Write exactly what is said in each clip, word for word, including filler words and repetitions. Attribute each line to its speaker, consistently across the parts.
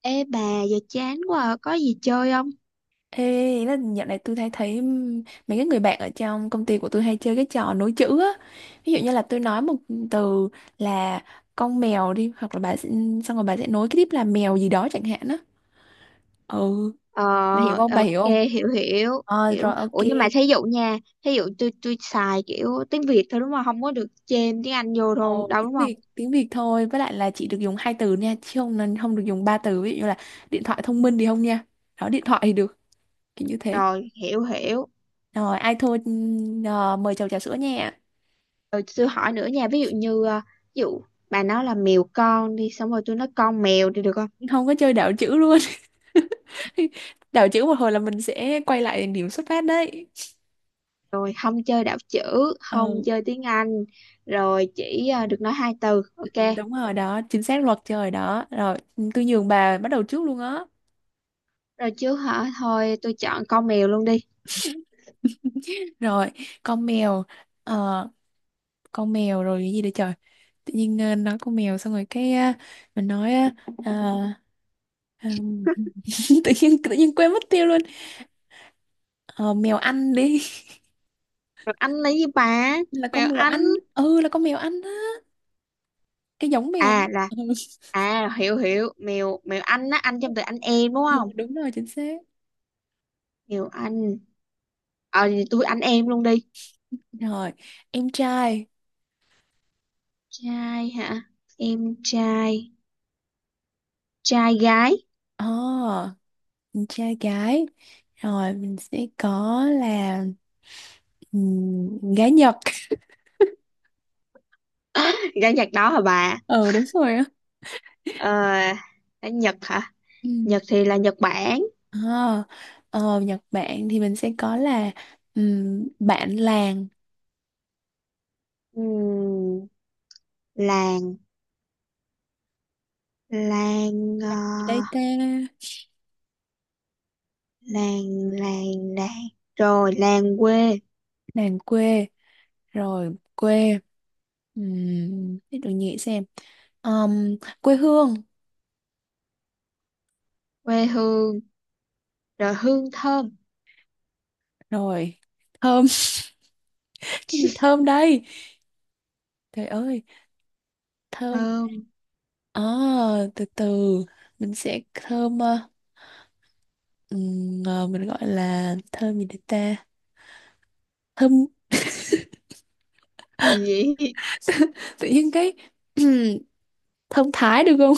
Speaker 1: Ê bà giờ chán quá à, có gì chơi không?
Speaker 2: Ê, ý là dạo này tôi thấy thấy ừm, mấy cái người bạn ở trong công ty của tôi hay chơi cái trò nối chữ á. Ví dụ như là tôi nói một từ là con mèo đi, hoặc là bà sẽ, xong rồi bà sẽ nối cái tiếp là mèo gì đó chẳng hạn á. Ừ,
Speaker 1: Ờ
Speaker 2: bà hiểu không?
Speaker 1: ờ,
Speaker 2: Bà hiểu
Speaker 1: ok
Speaker 2: không?
Speaker 1: hiểu hiểu
Speaker 2: Ờ
Speaker 1: hiểu.
Speaker 2: rồi ok.
Speaker 1: Ủa nhưng mà thí dụ nha, thí dụ tôi tôi xài kiểu tiếng Việt thôi đúng không? Không có được chêm tiếng Anh vô
Speaker 2: Ờ,
Speaker 1: đâu đâu đúng
Speaker 2: tiếng
Speaker 1: không?
Speaker 2: Việt tiếng Việt thôi, với lại là chỉ được dùng hai từ nha, chứ không nên không được dùng ba từ, ví dụ như là điện thoại thông minh thì không nha. Đó, điện thoại thì được, kiểu như thế.
Speaker 1: Rồi hiểu hiểu.
Speaker 2: Rồi ai thua ừm, ờ, mời chầu trà sữa nha.
Speaker 1: Rồi tôi hỏi nữa nha, ví dụ như ờ, ví dụ bà nói là mèo con đi xong rồi tôi nói con mèo thì được không?
Speaker 2: Không có chơi đảo chữ luôn. Đảo chữ một hồi là mình sẽ quay lại điểm xuất phát đấy.
Speaker 1: Rồi không chơi đảo chữ,
Speaker 2: Ờ,
Speaker 1: không chơi tiếng Anh, rồi chỉ ờ, được nói hai từ.
Speaker 2: ừ,
Speaker 1: Ok.
Speaker 2: đúng rồi đó, chính xác, luật trời đó. Rồi tôi nhường bà bắt đầu trước luôn á.
Speaker 1: Rồi chứ hả? Thôi tôi chọn con mèo luôn đi.
Speaker 2: Rồi, con mèo, ờ, con mèo, rồi cái gì đây trời, tự nhiên ờ, nói con mèo xong rồi cái ờ, mình nói ờ, ờ, ừm, tự nhiên tự nhiên quên mất tiêu luôn. Ờ, mèo Anh đi.
Speaker 1: Rồi anh lấy gì bà?
Speaker 2: Là con
Speaker 1: Mèo
Speaker 2: mèo
Speaker 1: anh.
Speaker 2: Anh, ừ, là con mèo Anh á, cái giống mèo.
Speaker 1: À là
Speaker 2: Ừ,
Speaker 1: à, hiểu hiểu mèo mèo anh á, anh trong từ anh em đúng
Speaker 2: ừ,
Speaker 1: không?
Speaker 2: đúng rồi, chính xác.
Speaker 1: Mèo anh. Ờ thì tôi anh em luôn đi.
Speaker 2: Rồi em trai.
Speaker 1: Trai hả? Em trai. Trai gái.
Speaker 2: ờ mình trai gái, rồi mình sẽ có là ừm, gái Nhật.
Speaker 1: Gái Nhật đó hả bà?
Speaker 2: Ừ, đúng rồi á.
Speaker 1: Ờ, ở Nhật hả?
Speaker 2: Ừ.
Speaker 1: Nhật thì là Nhật Bản.
Speaker 2: Ờ, ờ, Nhật Bản thì mình sẽ có là ừm, bạn làng.
Speaker 1: Ừm, làng. Làng ờ,
Speaker 2: Gì đây ta?
Speaker 1: làng, làng làng, rồi làng quê.
Speaker 2: Làng quê, rồi quê, um, để tôi nghĩ xem. Ờm, Quê hương,
Speaker 1: Quê hương, rồi hương thơm.
Speaker 2: rồi thơm. Cái gì thơm đây, trời ơi, thơm.
Speaker 1: Thơm
Speaker 2: Ờ, từ từ, mình sẽ thơm ờ, ừm, ờ, mình gọi là thơm gì đây ta, thơm.
Speaker 1: gì vậy?
Speaker 2: Tự nhiên cái thơm Thái được không?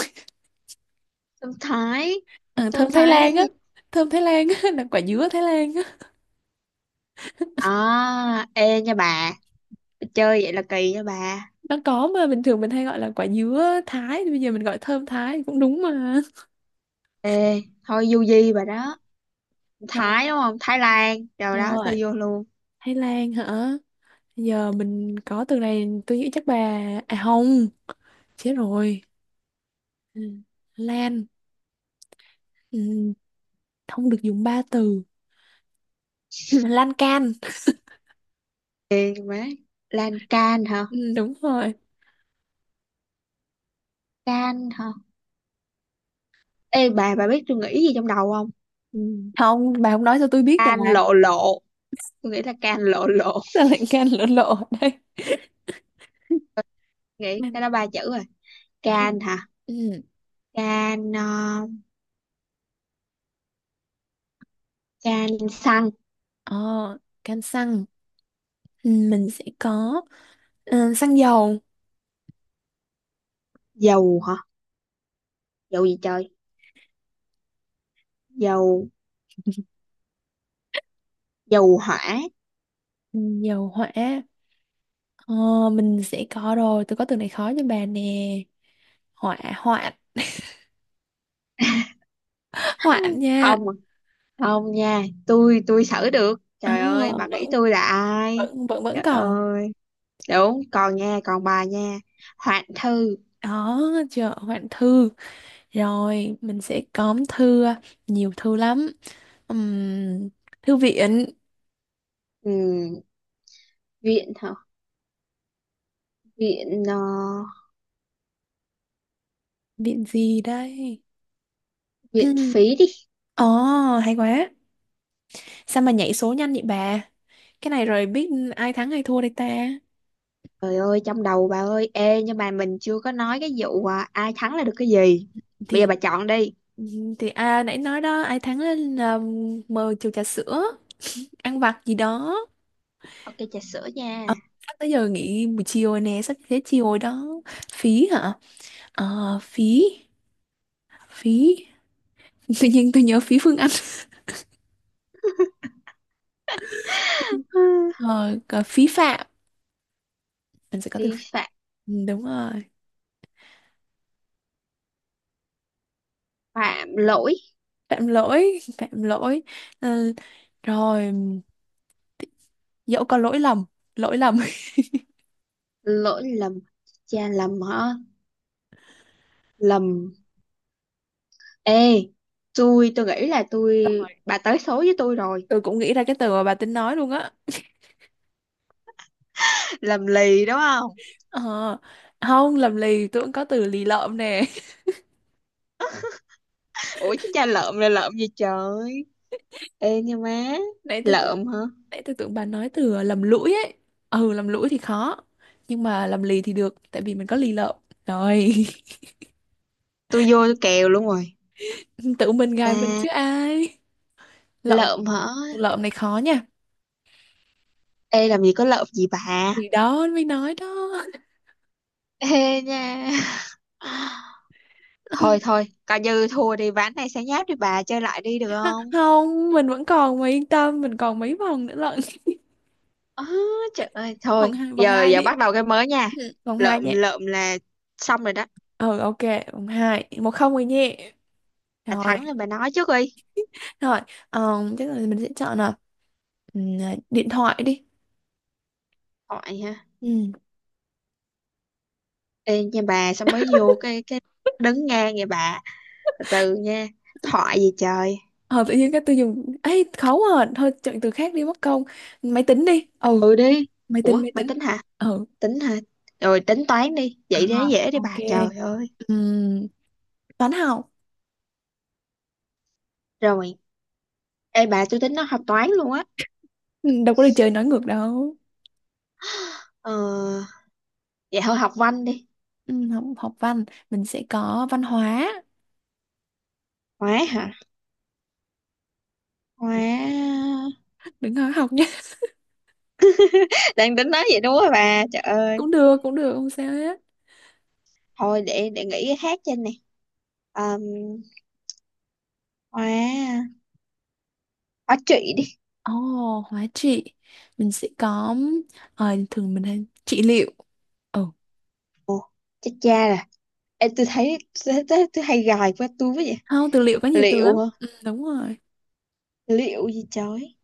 Speaker 1: Thơm Thái.
Speaker 2: Ờ,
Speaker 1: Thơm
Speaker 2: Thơm Thái Lan
Speaker 1: Thái.
Speaker 2: á, thơm Thái Lan á, là quả dứa Thái Lan á.
Speaker 1: À, ê nha bà, chơi vậy là kỳ nha bà.
Speaker 2: Nó có mà, bình thường mình hay gọi là quả dứa Thái, thì bây giờ mình gọi thơm Thái cũng đúng mà.
Speaker 1: Ê, thôi du di bà đó. Thái đúng không? Thái Lan. Rồi
Speaker 2: Đúng
Speaker 1: đó,
Speaker 2: rồi,
Speaker 1: tôi vô luôn.
Speaker 2: Thái Lan hả, giờ mình có từ này tôi nghĩ chắc bà, à không, chết rồi. Ừ, Lan, ừ, không được dùng ba từ. Lan can.
Speaker 1: Ê, má. Lan can hả?
Speaker 2: Ừ, đúng rồi.
Speaker 1: Can hả? Ê bà, bà biết tôi nghĩ gì trong đầu không?
Speaker 2: Ừ. Không, bà không nói cho tôi biết bà.
Speaker 1: Can lộ lộ. Tôi nghĩ là can lộ lộ.
Speaker 2: Sao lại can lộ lộ ở
Speaker 1: Nghĩ
Speaker 2: đây?
Speaker 1: cái đó ba chữ rồi.
Speaker 2: Kem.
Speaker 1: Can hả?
Speaker 2: Ừ.
Speaker 1: Can, ờ, can xăng.
Speaker 2: ờ, Kem xăng. Ừ, mình sẽ có ờ, xăng dầu.
Speaker 1: Dầu hả? Dầu gì trời? Dầu, dầu hỏa.
Speaker 2: Ừ, dầu hỏa. ờ, mình sẽ có, rồi tôi có từ này khó cho bà nè, hỏa hoạn. Hoạn nha.
Speaker 1: Không à. Không nha, tôi tôi xử được,
Speaker 2: ờ,
Speaker 1: trời ơi bà
Speaker 2: vẫn
Speaker 1: nghĩ tôi là ai.
Speaker 2: vẫn vẫn vẫn
Speaker 1: Trời
Speaker 2: còn.
Speaker 1: ơi, đúng còn nha, còn bà nha. Hoạn thư.
Speaker 2: Đó, chợ hoạn thư. Rồi mình sẽ có thư, à, nhiều thư lắm. Ừm, Thư viện.
Speaker 1: Ừ, viện hả? Viện ờ,
Speaker 2: Viện gì đây?
Speaker 1: viện phí đi.
Speaker 2: Ồ, hay quá. Sao mà nhảy số nhanh vậy bà? Cái này rồi biết ai thắng ai thua đây ta?
Speaker 1: Trời ơi trong đầu bà ơi, ê nhưng mà mình chưa có nói cái vụ à, ai thắng là được cái gì. Bây giờ
Speaker 2: thì
Speaker 1: bà chọn đi.
Speaker 2: thì à, nãy nói đó, ai thắng là mời chầu trà sữa, ăn vặt gì đó.
Speaker 1: Ok trà sữa nha.
Speaker 2: Ờ, sắp tới giờ nghỉ buổi chiều rồi nè, sắp tới chiều rồi đó. Phí hả? ờ phí phí Tự nhiên tôi nhớ phí Phương Anh. Rồi còn phí phạm, mình sẽ có từ
Speaker 1: Vi
Speaker 2: phí-
Speaker 1: phạm.
Speaker 2: ừ, đúng rồi,
Speaker 1: Phạm lỗi.
Speaker 2: phạm lỗi, phạm lỗi. Ừ, rồi dẫu có lỗi lầm, lỗi lầm.
Speaker 1: Lỗi lầm. Cha lầm hả? Lầm. Ê, tôi tôi nghĩ là tôi,
Speaker 2: Rồi,
Speaker 1: bà tới số với tôi rồi.
Speaker 2: tôi cũng nghĩ ra cái từ mà bà tính nói luôn á.
Speaker 1: Làm lì đúng không?
Speaker 2: Ờ, không, lầm lì, tôi cũng có từ lì lợm nè.
Speaker 1: Ủa chứ cha lợm là lợm gì trời? Ê nha má,
Speaker 2: Nãy tôi tưởng,
Speaker 1: lợm hả?
Speaker 2: Nãy tôi tưởng bà nói từ ờ, lầm lũi ấy. Ừ, lầm lũi thì khó. Nhưng mà lầm lì thì được, tại vì mình có lì lợm. Rồi,
Speaker 1: Tôi vô tôi kèo luôn rồi.
Speaker 2: tự mình gài mình
Speaker 1: Ta,
Speaker 2: chứ ai. Lợm,
Speaker 1: lợm hả?
Speaker 2: từ lợm này khó nha.
Speaker 1: Ê làm gì có lợm gì bà?
Speaker 2: Thì đó, mới nói đó.
Speaker 1: Ê nha. Thôi thôi, coi như thua đi ván này, sáng nháp đi bà, chơi lại đi được không?
Speaker 2: Không, mình vẫn còn mà, yên tâm, mình còn mấy vòng nữa lận.
Speaker 1: Ờ, trời ơi,
Speaker 2: Vòng
Speaker 1: thôi,
Speaker 2: hai, vòng
Speaker 1: giờ
Speaker 2: hai
Speaker 1: giờ
Speaker 2: đi.
Speaker 1: bắt đầu cái mới nha.
Speaker 2: Ừ, vòng hai
Speaker 1: Lợm
Speaker 2: nhé.
Speaker 1: lợm là xong rồi đó.
Speaker 2: Ừ, ok, vòng hai. Một không rồi nhé.
Speaker 1: Bà
Speaker 2: Rồi,
Speaker 1: thắng rồi bà nói trước đi.
Speaker 2: rồi, ờ, chắc là mình sẽ chọn là ừ, điện thoại đi.
Speaker 1: Hỏi.
Speaker 2: Ừ.
Speaker 1: Ê nha bà sao mới vô cái cái đứng ngang vậy bà, từ từ nha. Thoại gì trời?
Speaker 2: Ờ, tự nhiên cái tôi dùng ấy khó, à thôi, chọn từ khác đi mất công. Máy tính đi. Ừ.
Speaker 1: Ừ đi.
Speaker 2: máy tính
Speaker 1: Ủa
Speaker 2: máy
Speaker 1: mày
Speaker 2: tính
Speaker 1: tính hả?
Speaker 2: ừ
Speaker 1: Tính hả? Rồi tính toán đi,
Speaker 2: à,
Speaker 1: vậy dễ dễ đi
Speaker 2: ok.
Speaker 1: bà, trời ơi.
Speaker 2: Ừm, Toán học.
Speaker 1: Rồi, ê bà tôi tính nó học toán luôn á.
Speaker 2: Ừ, đâu có đi chơi nói ngược đâu.
Speaker 1: Ờ, vậy thôi học văn đi.
Speaker 2: Ừm, học, học văn, mình sẽ có văn hóa.
Speaker 1: Hóa hả? Hóa.
Speaker 2: Đừng nói học nhé.
Speaker 1: Đang tính nói vậy, đúng rồi bà, trời ơi.
Speaker 2: Cũng được, cũng được, không sao hết.
Speaker 1: Thôi để để nghĩ cái khác trên này. um, hóa, hóa trị đi.
Speaker 2: ồ oh, hóa trị, mình sẽ có ờ, thường mình hay trị liệu. Ừ,
Speaker 1: Ồ, chết cha rồi. Ê tôi thấy, tôi, tôi, tôi hay gài qua tôi với vậy.
Speaker 2: không, từ liệu có nhiều từ
Speaker 1: Liệu
Speaker 2: lắm,
Speaker 1: hả?
Speaker 2: ừ, đúng rồi.
Speaker 1: Liệu gì trời?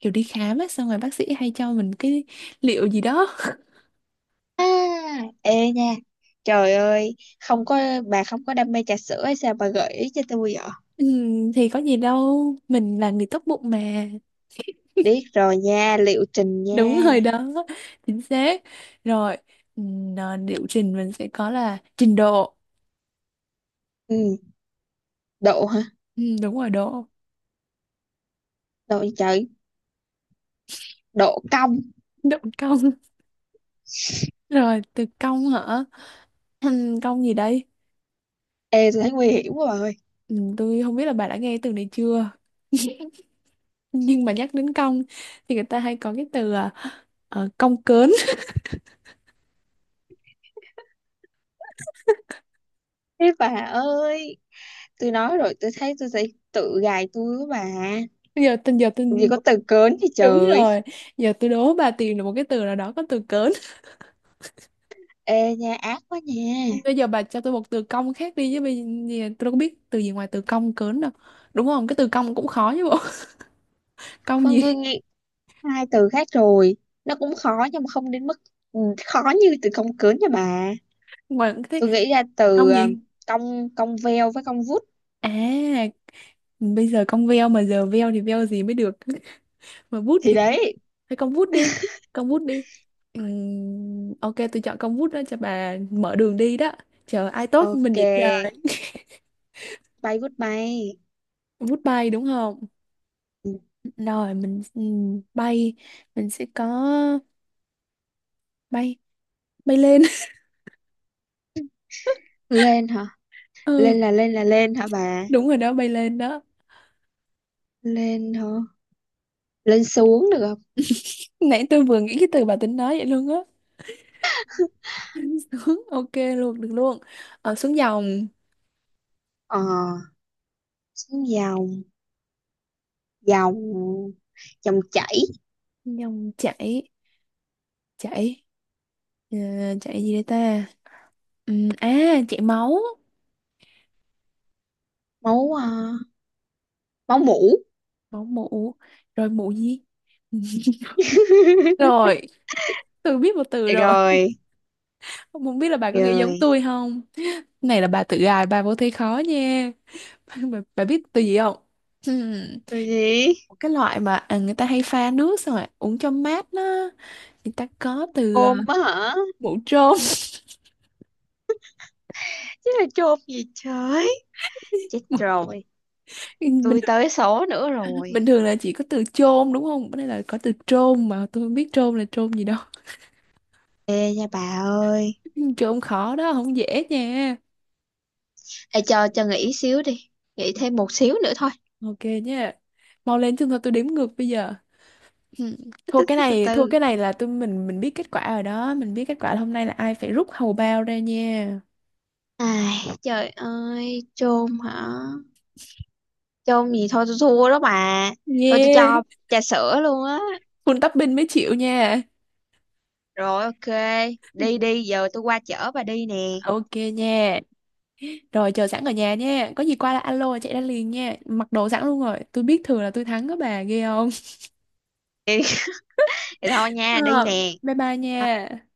Speaker 2: Kiểu đi khám á, xong rồi bác sĩ hay cho mình cái liệu gì đó.
Speaker 1: À, ê nha, trời ơi không có, bà không có đam mê trà sữa hay sao bà gợi ý cho tôi vậy?
Speaker 2: Ừ, thì có gì đâu, mình là người tốt bụng mà.
Speaker 1: Biết rồi nha, liệu trình
Speaker 2: Đúng
Speaker 1: nha.
Speaker 2: rồi đó, chính xác. Rồi, ừ, à, liệu trình, mình sẽ có là trình độ.
Speaker 1: Ừ, độ hả?
Speaker 2: Ừ, đúng rồi, độ.
Speaker 1: Độ gì trời? Độ cong.
Speaker 2: Độ công. Rồi từ công hả? Ừm, công gì đây?
Speaker 1: Ê tôi thấy nguy hiểm quá bà ơi.
Speaker 2: ừ, tôi không biết là bà đã nghe từ này chưa. Nhưng mà nhắc đến công thì người ta hay có cái từ à, ờ, cong cớn.
Speaker 1: Thế bà ơi, tôi nói rồi, tôi thấy tôi sẽ tự gài tôi mà.
Speaker 2: Bây giờ tình giờ tôi
Speaker 1: Làm gì có từ cớn gì
Speaker 2: đúng
Speaker 1: trời.
Speaker 2: rồi, giờ tôi đố bà tìm được một cái từ nào đó có từ cớn.
Speaker 1: Ê nha, ác quá nha.
Speaker 2: Bây giờ bà cho tôi một từ cong khác đi, chứ bây giờ tôi đâu có biết từ gì ngoài từ cong cớn đâu. Đúng không? Cái từ cong cũng khó chứ bộ. Cong
Speaker 1: Con tôi
Speaker 2: gì?
Speaker 1: nghĩ hai từ khác rồi, nó cũng khó nhưng mà không đến mức, ừ, khó như từ cong cớn nha bà.
Speaker 2: Ngoài cái
Speaker 1: Tôi nghĩ ra từ
Speaker 2: cong
Speaker 1: ờ,
Speaker 2: gì?
Speaker 1: cong, cong veo với cong vút.
Speaker 2: À, bây giờ cong veo mà giờ veo thì veo gì mới được. Mà bút
Speaker 1: Thì
Speaker 2: thì
Speaker 1: đấy.
Speaker 2: hay cong bút đi. Cong bút đi. Ừm, ok, tôi chọn cong bút đó cho bà mở đường đi đó. Chờ ai tốt mình vậy chờ.
Speaker 1: Ok. Bay vút bay.
Speaker 2: Bút bay đúng không?
Speaker 1: Ừ.
Speaker 2: Rồi mình ừm, bay, mình sẽ có bay bay lên.
Speaker 1: Lên hả?
Speaker 2: Ừ,
Speaker 1: lên là lên là lên hả bà?
Speaker 2: đúng rồi đó, bay lên đó.
Speaker 1: Lên hả? Lên xuống được không?
Speaker 2: Nãy tôi vừa nghĩ cái từ bà tính nói vậy luôn á. Xuống, ok luôn, được luôn. Ờ, xuống dòng,
Speaker 1: Ờ, xuống dòng. Dòng, dòng chảy.
Speaker 2: dòng chảy, chảy, ờ, chảy gì đây ta? Ừm, à, chảy máu,
Speaker 1: Máu, ờ, máu mủ.
Speaker 2: máu mụ, rồi mụ gì? Rồi, tôi biết một từ
Speaker 1: Được
Speaker 2: rồi.
Speaker 1: rồi.
Speaker 2: Không biết là bà có nghĩ giống
Speaker 1: Rồi
Speaker 2: tôi không? Này là bà tự gài, bà vô thấy khó nha. Bà, bà biết từ gì không? Ừm,
Speaker 1: từ gì?
Speaker 2: Một cái loại mà à, người ta hay pha nước xong rồi uống cho mát đó. Người ta có từ ờ,
Speaker 1: Ôm á hả?
Speaker 2: mụ trôn.
Speaker 1: Chứ là chôn gì trời? Chết rồi,
Speaker 2: bình
Speaker 1: tôi
Speaker 2: thường,
Speaker 1: tới số nữa rồi.
Speaker 2: Bình thường là chỉ có từ chôn đúng không? Bữa nay là có từ trôn mà tôi không biết trôn là trôn gì đâu.
Speaker 1: Ê nha bà ơi,
Speaker 2: Trôn khó đó, không dễ nha.
Speaker 1: ê cho cho nghỉ xíu đi, nghỉ thêm một xíu nữa thôi.
Speaker 2: Ok nha. Mau lên chứ thôi tôi đếm ngược bây giờ. Ừ.
Speaker 1: từ
Speaker 2: Thua
Speaker 1: từ
Speaker 2: cái
Speaker 1: từ từ
Speaker 2: này, thua
Speaker 1: từ.
Speaker 2: cái này là tôi, mình mình biết kết quả rồi đó, mình biết kết quả là hôm nay là ai phải rút hầu bao ra nha.
Speaker 1: Ai trời ơi, chôn hả? Chôn gì, thôi tôi thua đó bà. Thôi tôi
Speaker 2: Yeah,
Speaker 1: cho trà sữa luôn á.
Speaker 2: full topping mới chịu nha.
Speaker 1: Rồi ok,
Speaker 2: Ừ.
Speaker 1: đi đi, giờ tôi qua chở bà đi nè.
Speaker 2: Ok nha. Rồi chờ sẵn ở nhà nha. Có gì qua là alo chạy ra liền nha. Mặc đồ sẵn luôn rồi. Tôi biết thường là tôi thắng đó, bà ghê không?
Speaker 1: Thì thôi nha, đi
Speaker 2: Ờ,
Speaker 1: nè.
Speaker 2: bye bye nha.